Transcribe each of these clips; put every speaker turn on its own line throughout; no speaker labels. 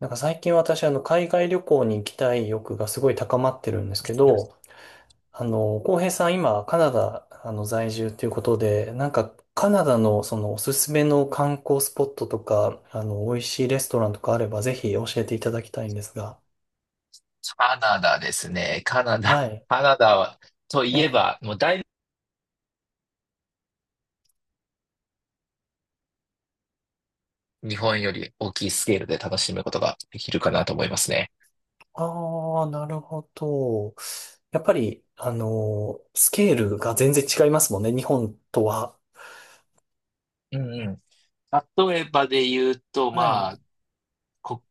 なんか最近私、海外旅行に行きたい欲がすごい高まってるんですけど、浩平さん今、カナダ、在住ということで、なんか、カナダのそのおすすめの観光スポットとか、美味しいレストランとかあれば、ぜひ教えていただきたいんですが。
カナダですね。カナ
は
ダ。
い。
カナダは、といえ
ね。
ば、もうだいぶ日本より大きいスケールで楽しむことができるかなと思いますね。
ああ、なるほど。やっぱり、スケールが全然違いますもんね、日本とは。
うんうん。例えばで言うと、
は
ま
い。
あ、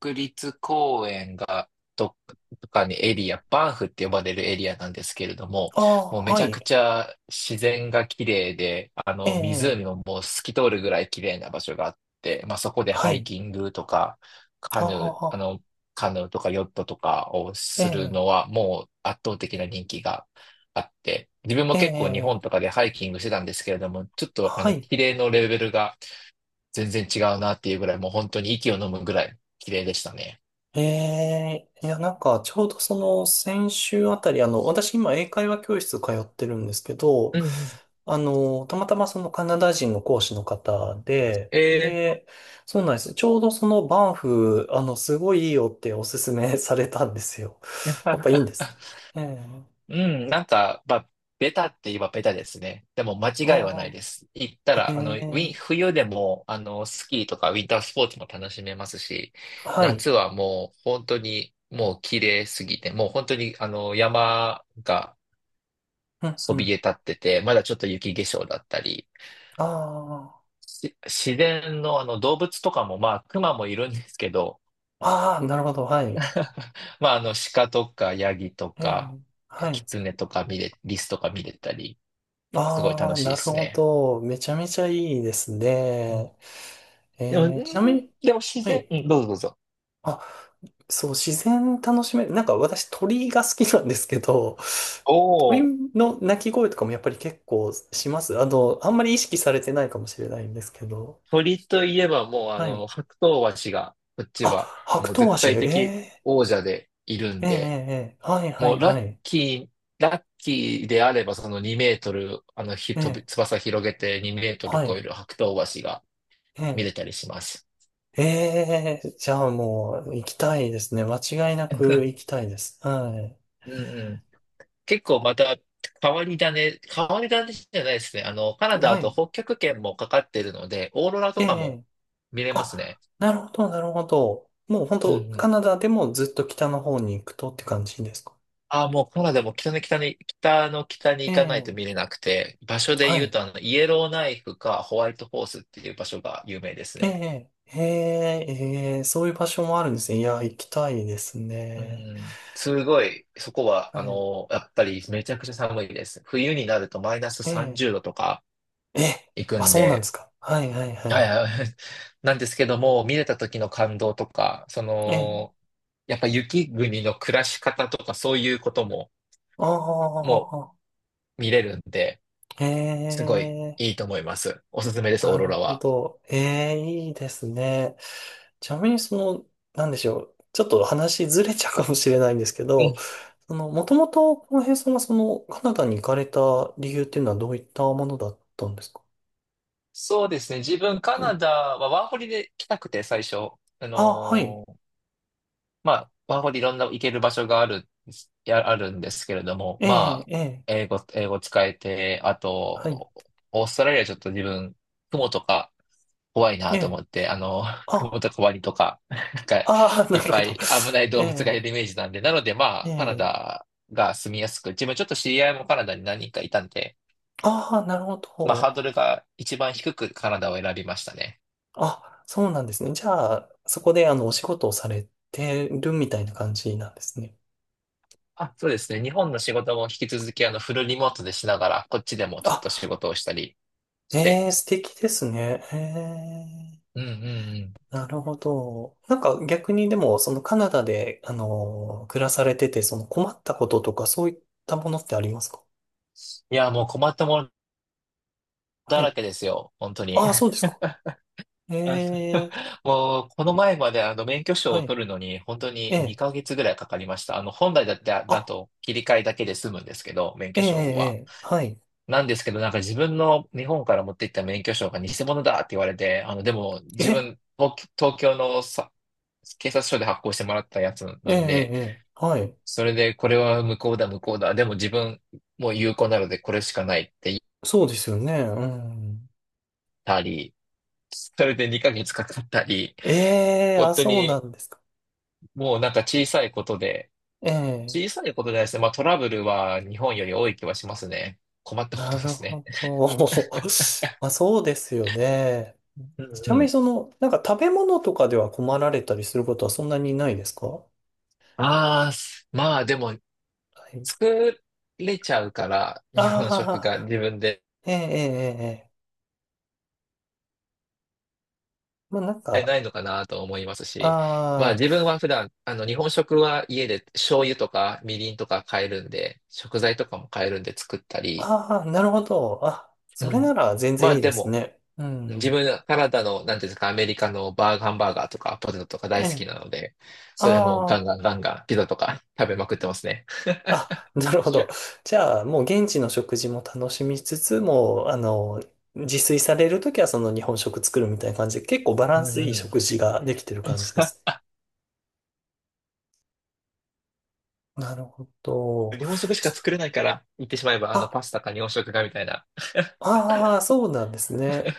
国立公園がどっかにエリア、バンフって呼ばれるエリアなんですけれども、
あ
もう
あ、
め
は
ちゃく
い。
ちゃ自然が綺麗で、あ
え
の
え、
湖ももう透き通るぐらい綺麗な場所があって、まあ、そこで
は
ハイ
い。
キングとか、カ
あ
ヌー、あ
あ、
の、カヌーとかヨットとかを
え
する
え。
のはもう圧倒的な人気があって、自分も
え
結構日
え、
本
え
と
え
かでハイキングしてたんですけれども、ちょっとあ
は
の、
い。
綺麗のレベルが全然違うなっていうぐらい、もう本当に息を飲むぐらい綺麗でしたね。
ええ、いや、なんか、ちょうどその、先週あたり、私今、英会話教室通ってるんですけど、
うんうん。
たまたまそのカナダ人の講師の方で、
え
で、そうなんです。ちょうどそのバンフ、すごいいいよっておすすめ されたんですよ。
ー、
やっぱいいんで す。ええ、
うまあ、ベタって言えばベタですね。でも間違いはな
あ
いです。行った
あ、え
ら、あの、ウィ
え、
ン、冬でも、あの、スキーとかウィンタースポーツも楽しめますし、
はい。
夏はもう本当にもう綺麗すぎて、もう本当にあの、山が
うん、
そ
う
び
ん。
え立ってて、まだちょっと雪化粧だったり、
あ
し自然のあの動物とかも、まあ、熊もいるんですけど、
あ、ああ、なるほど、はい。
まあ、あの、鹿とか、ヤギと
え
か、
え、は
キ
い。
ツネとか見れ、リスとか見れたり、すごい
あ
楽
あ、
しい
な
で
る
す
ほ
ね。
ど。めちゃめちゃいいです
うん、
ね。
でも、うん
ちなみに、
でも自
は
然、
い。
うん、どうぞどうぞ。
あ、そう、自然楽しめる。なんか私鳥が好きなんですけど、
お
鳥
お、
の鳴き声とかもやっぱり結構します。あんまり意識されてないかもしれないんですけど。
鳥といえばもう、あ
はい。
の、白頭鷲が、こっち
あ、
は、
白
もう
ク
絶
足
対的
え
王者でいる
ー、
ん
えー、
で、
えーはいは
も
い
うラ
は
ッ
い。
キー、ラッキーであれば、その2メートル、あの、ひ、
え
飛
え
び、翼広げて2メートル
は
超
い。
える白頭鷲が見れ
え
たりします。
えええじゃあもう行きたいですね。間違いなく行き たいです。はい。
うんうん。結構また変わり種じゃないですね。あの、カナダ
は
あと
い。
北極圏もかかってるので、オーロラと
え
かも
え。
見れます
あ、
ね。
なるほど、なるほど。もう本
うんう
当、カ
ん。
ナダでもずっと北の方に行くとって感じですか？
ああ、もうカナダも北の北に
え
行かないと
え。
見れなくて、場所で
は
言う
い。
とあの、イエローナイフかホワイトホースっていう場所が有名です
え
ね。
え。へえ、ええ、そういう場所もあるんですね。いや、行きたいです
う
ね。
ん。すごい、そこは、
は
あ
い。
の、やっぱりめちゃくちゃ寒いです。冬になるとマイナス
ええ。
30度とか
え、
行く
あ、
ん
そうなんで
で、
すか。はい、はい、は
はい
い。
はい。なんですけども、見れた時の感動とか、そ
ええ。
の、やっぱ雪国の暮らし方とかそういうことも
あ
も
あ、
見れるんで、す
え
ごい
え。
いいと思います。おすすめです、オー
な
ロ
る
ラ
ほ
は。
ど。ええ、いいですね。ちなみにその、なんでしょう。ちょっと話ずれちゃうかもしれないんですけ
う
ど、
ん。
その、もともと、浩平さんがその、カナダに行かれた理由っていうのはどういったものだったんですか？
そうですね。自分、カ
は
ナ
い。
ダはワーホリで来たくて、最初。あ
あ、はい。
のーまあ、ワーホリいろんな行ける場所がある、やあるんですけれども、
ええ、
まあ、
ええ、
英語使えて、あ
はい。
と、オーストラリアちょっと自分、雲とか怖い
え
なと思
え、
って、あの、雲
あ、
とかワニとか、なんか、
ああ、
い
な
っ
るほ
ぱ
ど。
い危ない
え
動物がい
え、
るイメージなんで、なのでま
え
あ、カナ
え、
ダが住みやすく、自分ちょっと知り合いもカナダに何人かいたんで、
ああ、なるほ
まあ、ハ
ど。
ードルが一番低くカナダを選びましたね。
あ、そうなんですね。じゃあ、そこで、お仕事をされてるみたいな感じなんですね。
あ、そうですね。日本の仕事も引き続き、あの、フルリモートでしながら、こっちでもちょっと
あ、
仕事をしたりし
え
て。
え、素敵ですね。ええ。
うんうんうん。
なるほど。なんか逆にでも、そのカナダで、暮らされてて、その困ったこととかそういったものってありますか？
いや、もう困ったもの
は
だら
い。
けですよ。本当に。
ああ、そうですか。え
あ
え、
もう、この前まであの、免許証
は
を
い。
取るのに、本当
え
に
え、
2ヶ月ぐらいかかりました。あの、本来だって、
あ、
だと切り替えだけで済むんですけど、免
え
許
え、
証
え
は。
え、はい。
なんですけど、なんか自分の日本から持って行った免許証が偽物だって言われて、あの、でも自
え、
分、東京のさ警察署で発行してもらったやつ
え
な
え、え
ん
え、
で、
ええはい。
それで、これは無効だ、無効だ。でも自分もう有効なのでこれしかないって言っ
そうですよね。うん。
たり、それで2ヶ月かかったり、
ええ、
本
あ、
当
そう
に
なんですか。
もう
ええ、
小さいことじゃないですね。まあトラブルは日本より多い気はしますね。困ったこ
な
とで
る
すね。
ほど。まあ、そうですよね。
うん
ちな
う
みに
ん。
その、なんか食べ物とかでは困られたりすることはそんなにないですか？は
まあでも
い、
作れちゃうから、日本食が
ああ、
自分で。
ええ、ええ、ええ。まあ、なん
り
か、
ないのかなと思いますし、まあ
ああ、
自分は普段、あの日本食は家で醤油とかみりんとか買えるんで、食材とかも買えるんで作ったり、
ああ、なるほど。あ、
う
それな
ん。
ら全
ま
然い
あ
いで
で
す
も、
ね。う
自
ん。
分、カナダの、なんていうんですか、アメリカのバーガーハンバーガーとかポテトとか
え
大好き
え、
なので、それもガン
あ
ガンガンガンピザとか食べまくってますね。
あ、あ、なるほど。じゃあ、もう現地の食事も楽しみつつ、もう、自炊されるときはその日本食作るみたいな感じで、結構バラ
う
ン
ん
スいい
うん。
食事ができてる感じです。なるほど。
日本食しか
ちょ
作れないから、言ってしまえば、あの、
あ、
パスタか日本食かみたいな。
ああ、そうなんですね。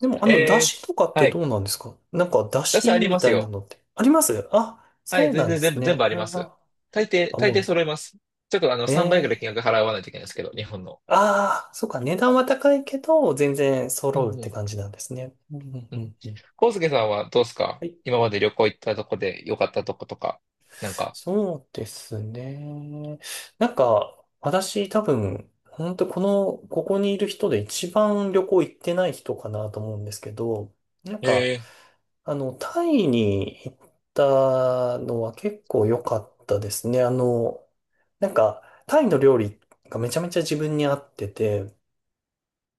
でも、出
えー、
汁とかって
は
ど
い。
うなんですか？なんか、出
私あ
汁
り
み
ます
たいな
よ。
のってあります？あ、
は
そ
い、
う
全
なん
然
で
全
す
部、全部
ね。
あります。
あ、あ
大抵
も
揃えます。ちょっとあの、
う、
3倍ぐ
え
らい金
え、
額払わないといけないですけど、日本の。
ああ、そうか、値段は高いけど、全然
う
揃うっ
んう
て
ん。
感じなんですね。うんうん
う
う
ん。
んうん、
康介さんはどうですか？
はい。
今まで旅行行ったとこで良かったとことか、なんか、
そうですね。なんか、私多分、本当この、ここにいる人で一番旅行行ってない人かなと思うんですけど、なんか、
へえ。
タイに行ったのは結構良かったですね。なんか、タイの料理がめちゃめちゃ自分に合ってて、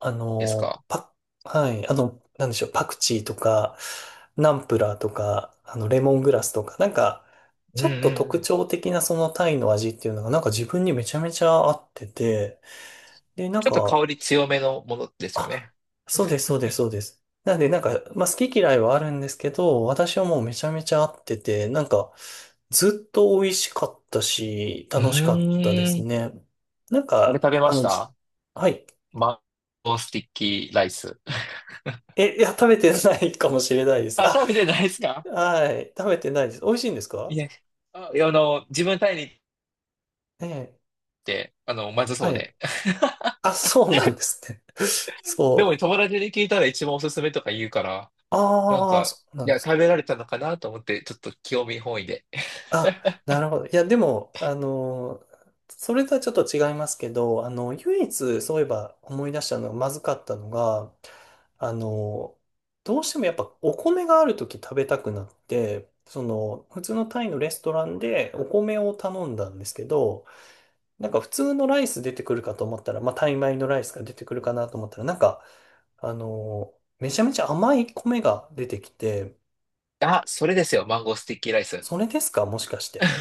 あ
です
の、
か？
パ、はい、なんでしょう、パクチーとか、ナンプラーとか、レモングラスとか、なんか、
うん
ちょっ
う
と
んう
特
ん。
徴的なそのタイの味っていうのが、なんか自分にめちゃめちゃ合ってて、で、なん
ちょっと香
か、
り強めのものですよ
あ、
ね。
そうです、そうです、そうです。なんで、なんか、まあ、好き嫌いはあるんですけど、私はもうめちゃめちゃ合ってて、なんか、ずっと美味しかったし、
う
楽しかったで
ー
す
ん。
ね。なん
あれ
か、
食べました？
はい。
マンゴースティッキーライス。
え、いや、食べてないかもしれないです。
あ、
あ、
食べてないですか？
はい。食べてないです。美味しいんです
い
か？
や、あ、いやあの、自分タイに行っ
ええ。
て、あの、まずそ
は
う
い。
で。
あ、そうなんですね。
でも
そう。
友達に聞いたら一番おすすめとか言うから、なん
ああ、
か、
そうな
い
ん
や、
です
食
か。
べられたのかなと思って、ちょっと興味本位で。
あ、なるほど。いや、でも、それとはちょっと違いますけど、唯一、そういえば思い出したのがまずかったのが、あのどうしてもやっぱお米があるとき食べたくなって、その、普通のタイのレストランでお米を頼んだんですけど、なんか普通のライス出てくるかと思ったら、まあ、タイ米のライスが出てくるかなと思ったら、なんか、めちゃめちゃ甘い米が出てきて、
あ、それですよ、マンゴースティッキーライス。
それですかもしかして。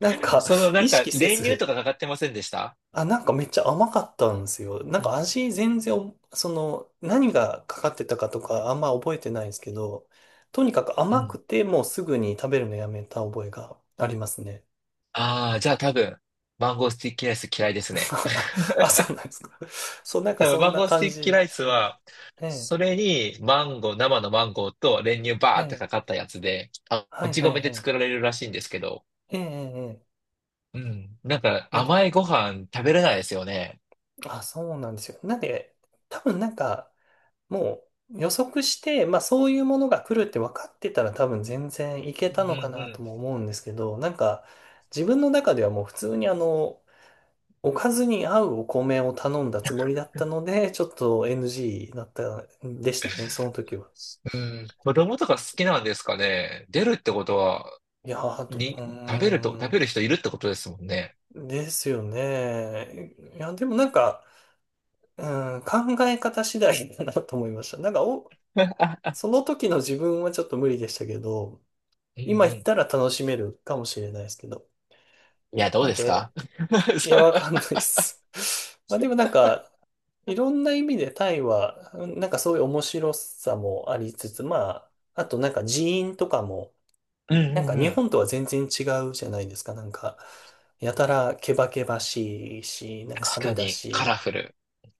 なんか、
その なん
意
か、
識せ
練乳と
ず、
かかかってませんでした？
あ、なんかめっちゃ甘かったんですよ。なん
う
か
ん。
味全然お、その、何がかかってたかとかあんま覚えてないんですけど、とにかく
う
甘く
ん。
てもうすぐに食べるのやめた覚えがありますね。
ああ、じゃあ多分、マンゴースティッキーライス嫌いですね。
あ、そうなんですか。そう、なんか
多分、
そん
マン
な
ゴース
感
ティッキーラ
じ。
イス
はい、
は、
え
それに、マンゴー、
え。
生のマンゴーと練乳バーって
え
か
え
かったやつで、あ、
は
も
い
ち
はい
米
は
で
い。
作られるらしいんですけど、
ええええ。ええ、
うん。なんか、
なんで、
甘いご飯食べれないですよね。
あ、そうなんですよ。なんで、多分なんか、もう予測して、まあそういうものが来るって分かってたら多分全然いけ
うん
た
うんう
のかなと
ん。
も思うんですけど、なんか自分の中ではもう普通におかずに合うお米を頼んだつもりだったので、ちょっと NG だったんでしたね、その時は。
うん、子供とか好きなんですかね。出るってことは、
いやー、あと、う
に、
ー
食べ
ん、
る人いるってことですもんね。
ですよね。いや、でもなんか、うん、考え方次第だなと思いました。なんかお、その時の自分はちょっと無理でしたけど、
うんうん。
今行っ
い
たら楽しめるかもしれないですけど。
や、どう
なん
です
で、
か？
い
そ
や、
う
わかんないです。まあでもなんか、いろんな意味でタイは、うん、なんかそういう面白さもありつつ、まあ、あとなんか人員とかも、
うんう
なんか
んう
日
ん。
本とは全然違うじゃないですか。なんか、やたらケバケバしいし、なんか
確
派手
か
だ
に、カ
し、
ラフル。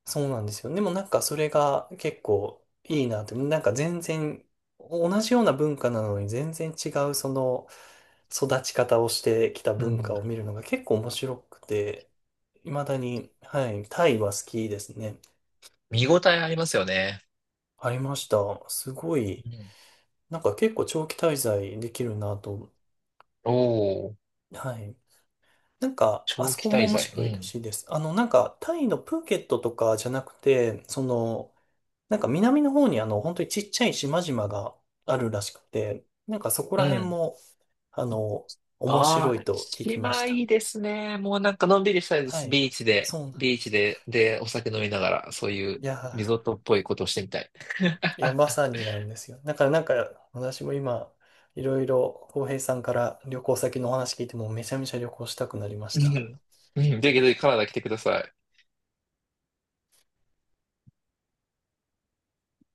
そうなんですよ。でもなんかそれが結構いいなって、なんか全然同じような文化なのに全然違うその育ち方をしてきた
う
文
ん。
化を見るのが結構面白くて、未だに、はい、タイは好きですね。
見応えありますよね。
ありました。すごい、
うん。
なんか結構長期滞在できるなと。
おお、
はい。なんか、あ
長
そ
期
こも
滞
面
在。う
白いら
ん。
しいです。なんか、タイのプーケットとかじゃなくて、その、なんか南の方に本当にちっちゃい島々があるらしくて、なんかそこ
う
ら辺
ん。
も、あの、面
ああ、
白いと聞きまし
島い
た。
いですね。もうなんかのんびりしたいで
は
す。
い。そうなん。
ビーチで、で、お酒飲みながら、そういう
いや
リゾートっぽいことをしてみたい。
ー、いや、まさになんですよ。だからなんか、私も今、いろいろ、浩平さんから旅行先のお話聞いても、めちゃめちゃ旅行したくなりまし
うん。
た。
うんぜひぜひカナダ来てください。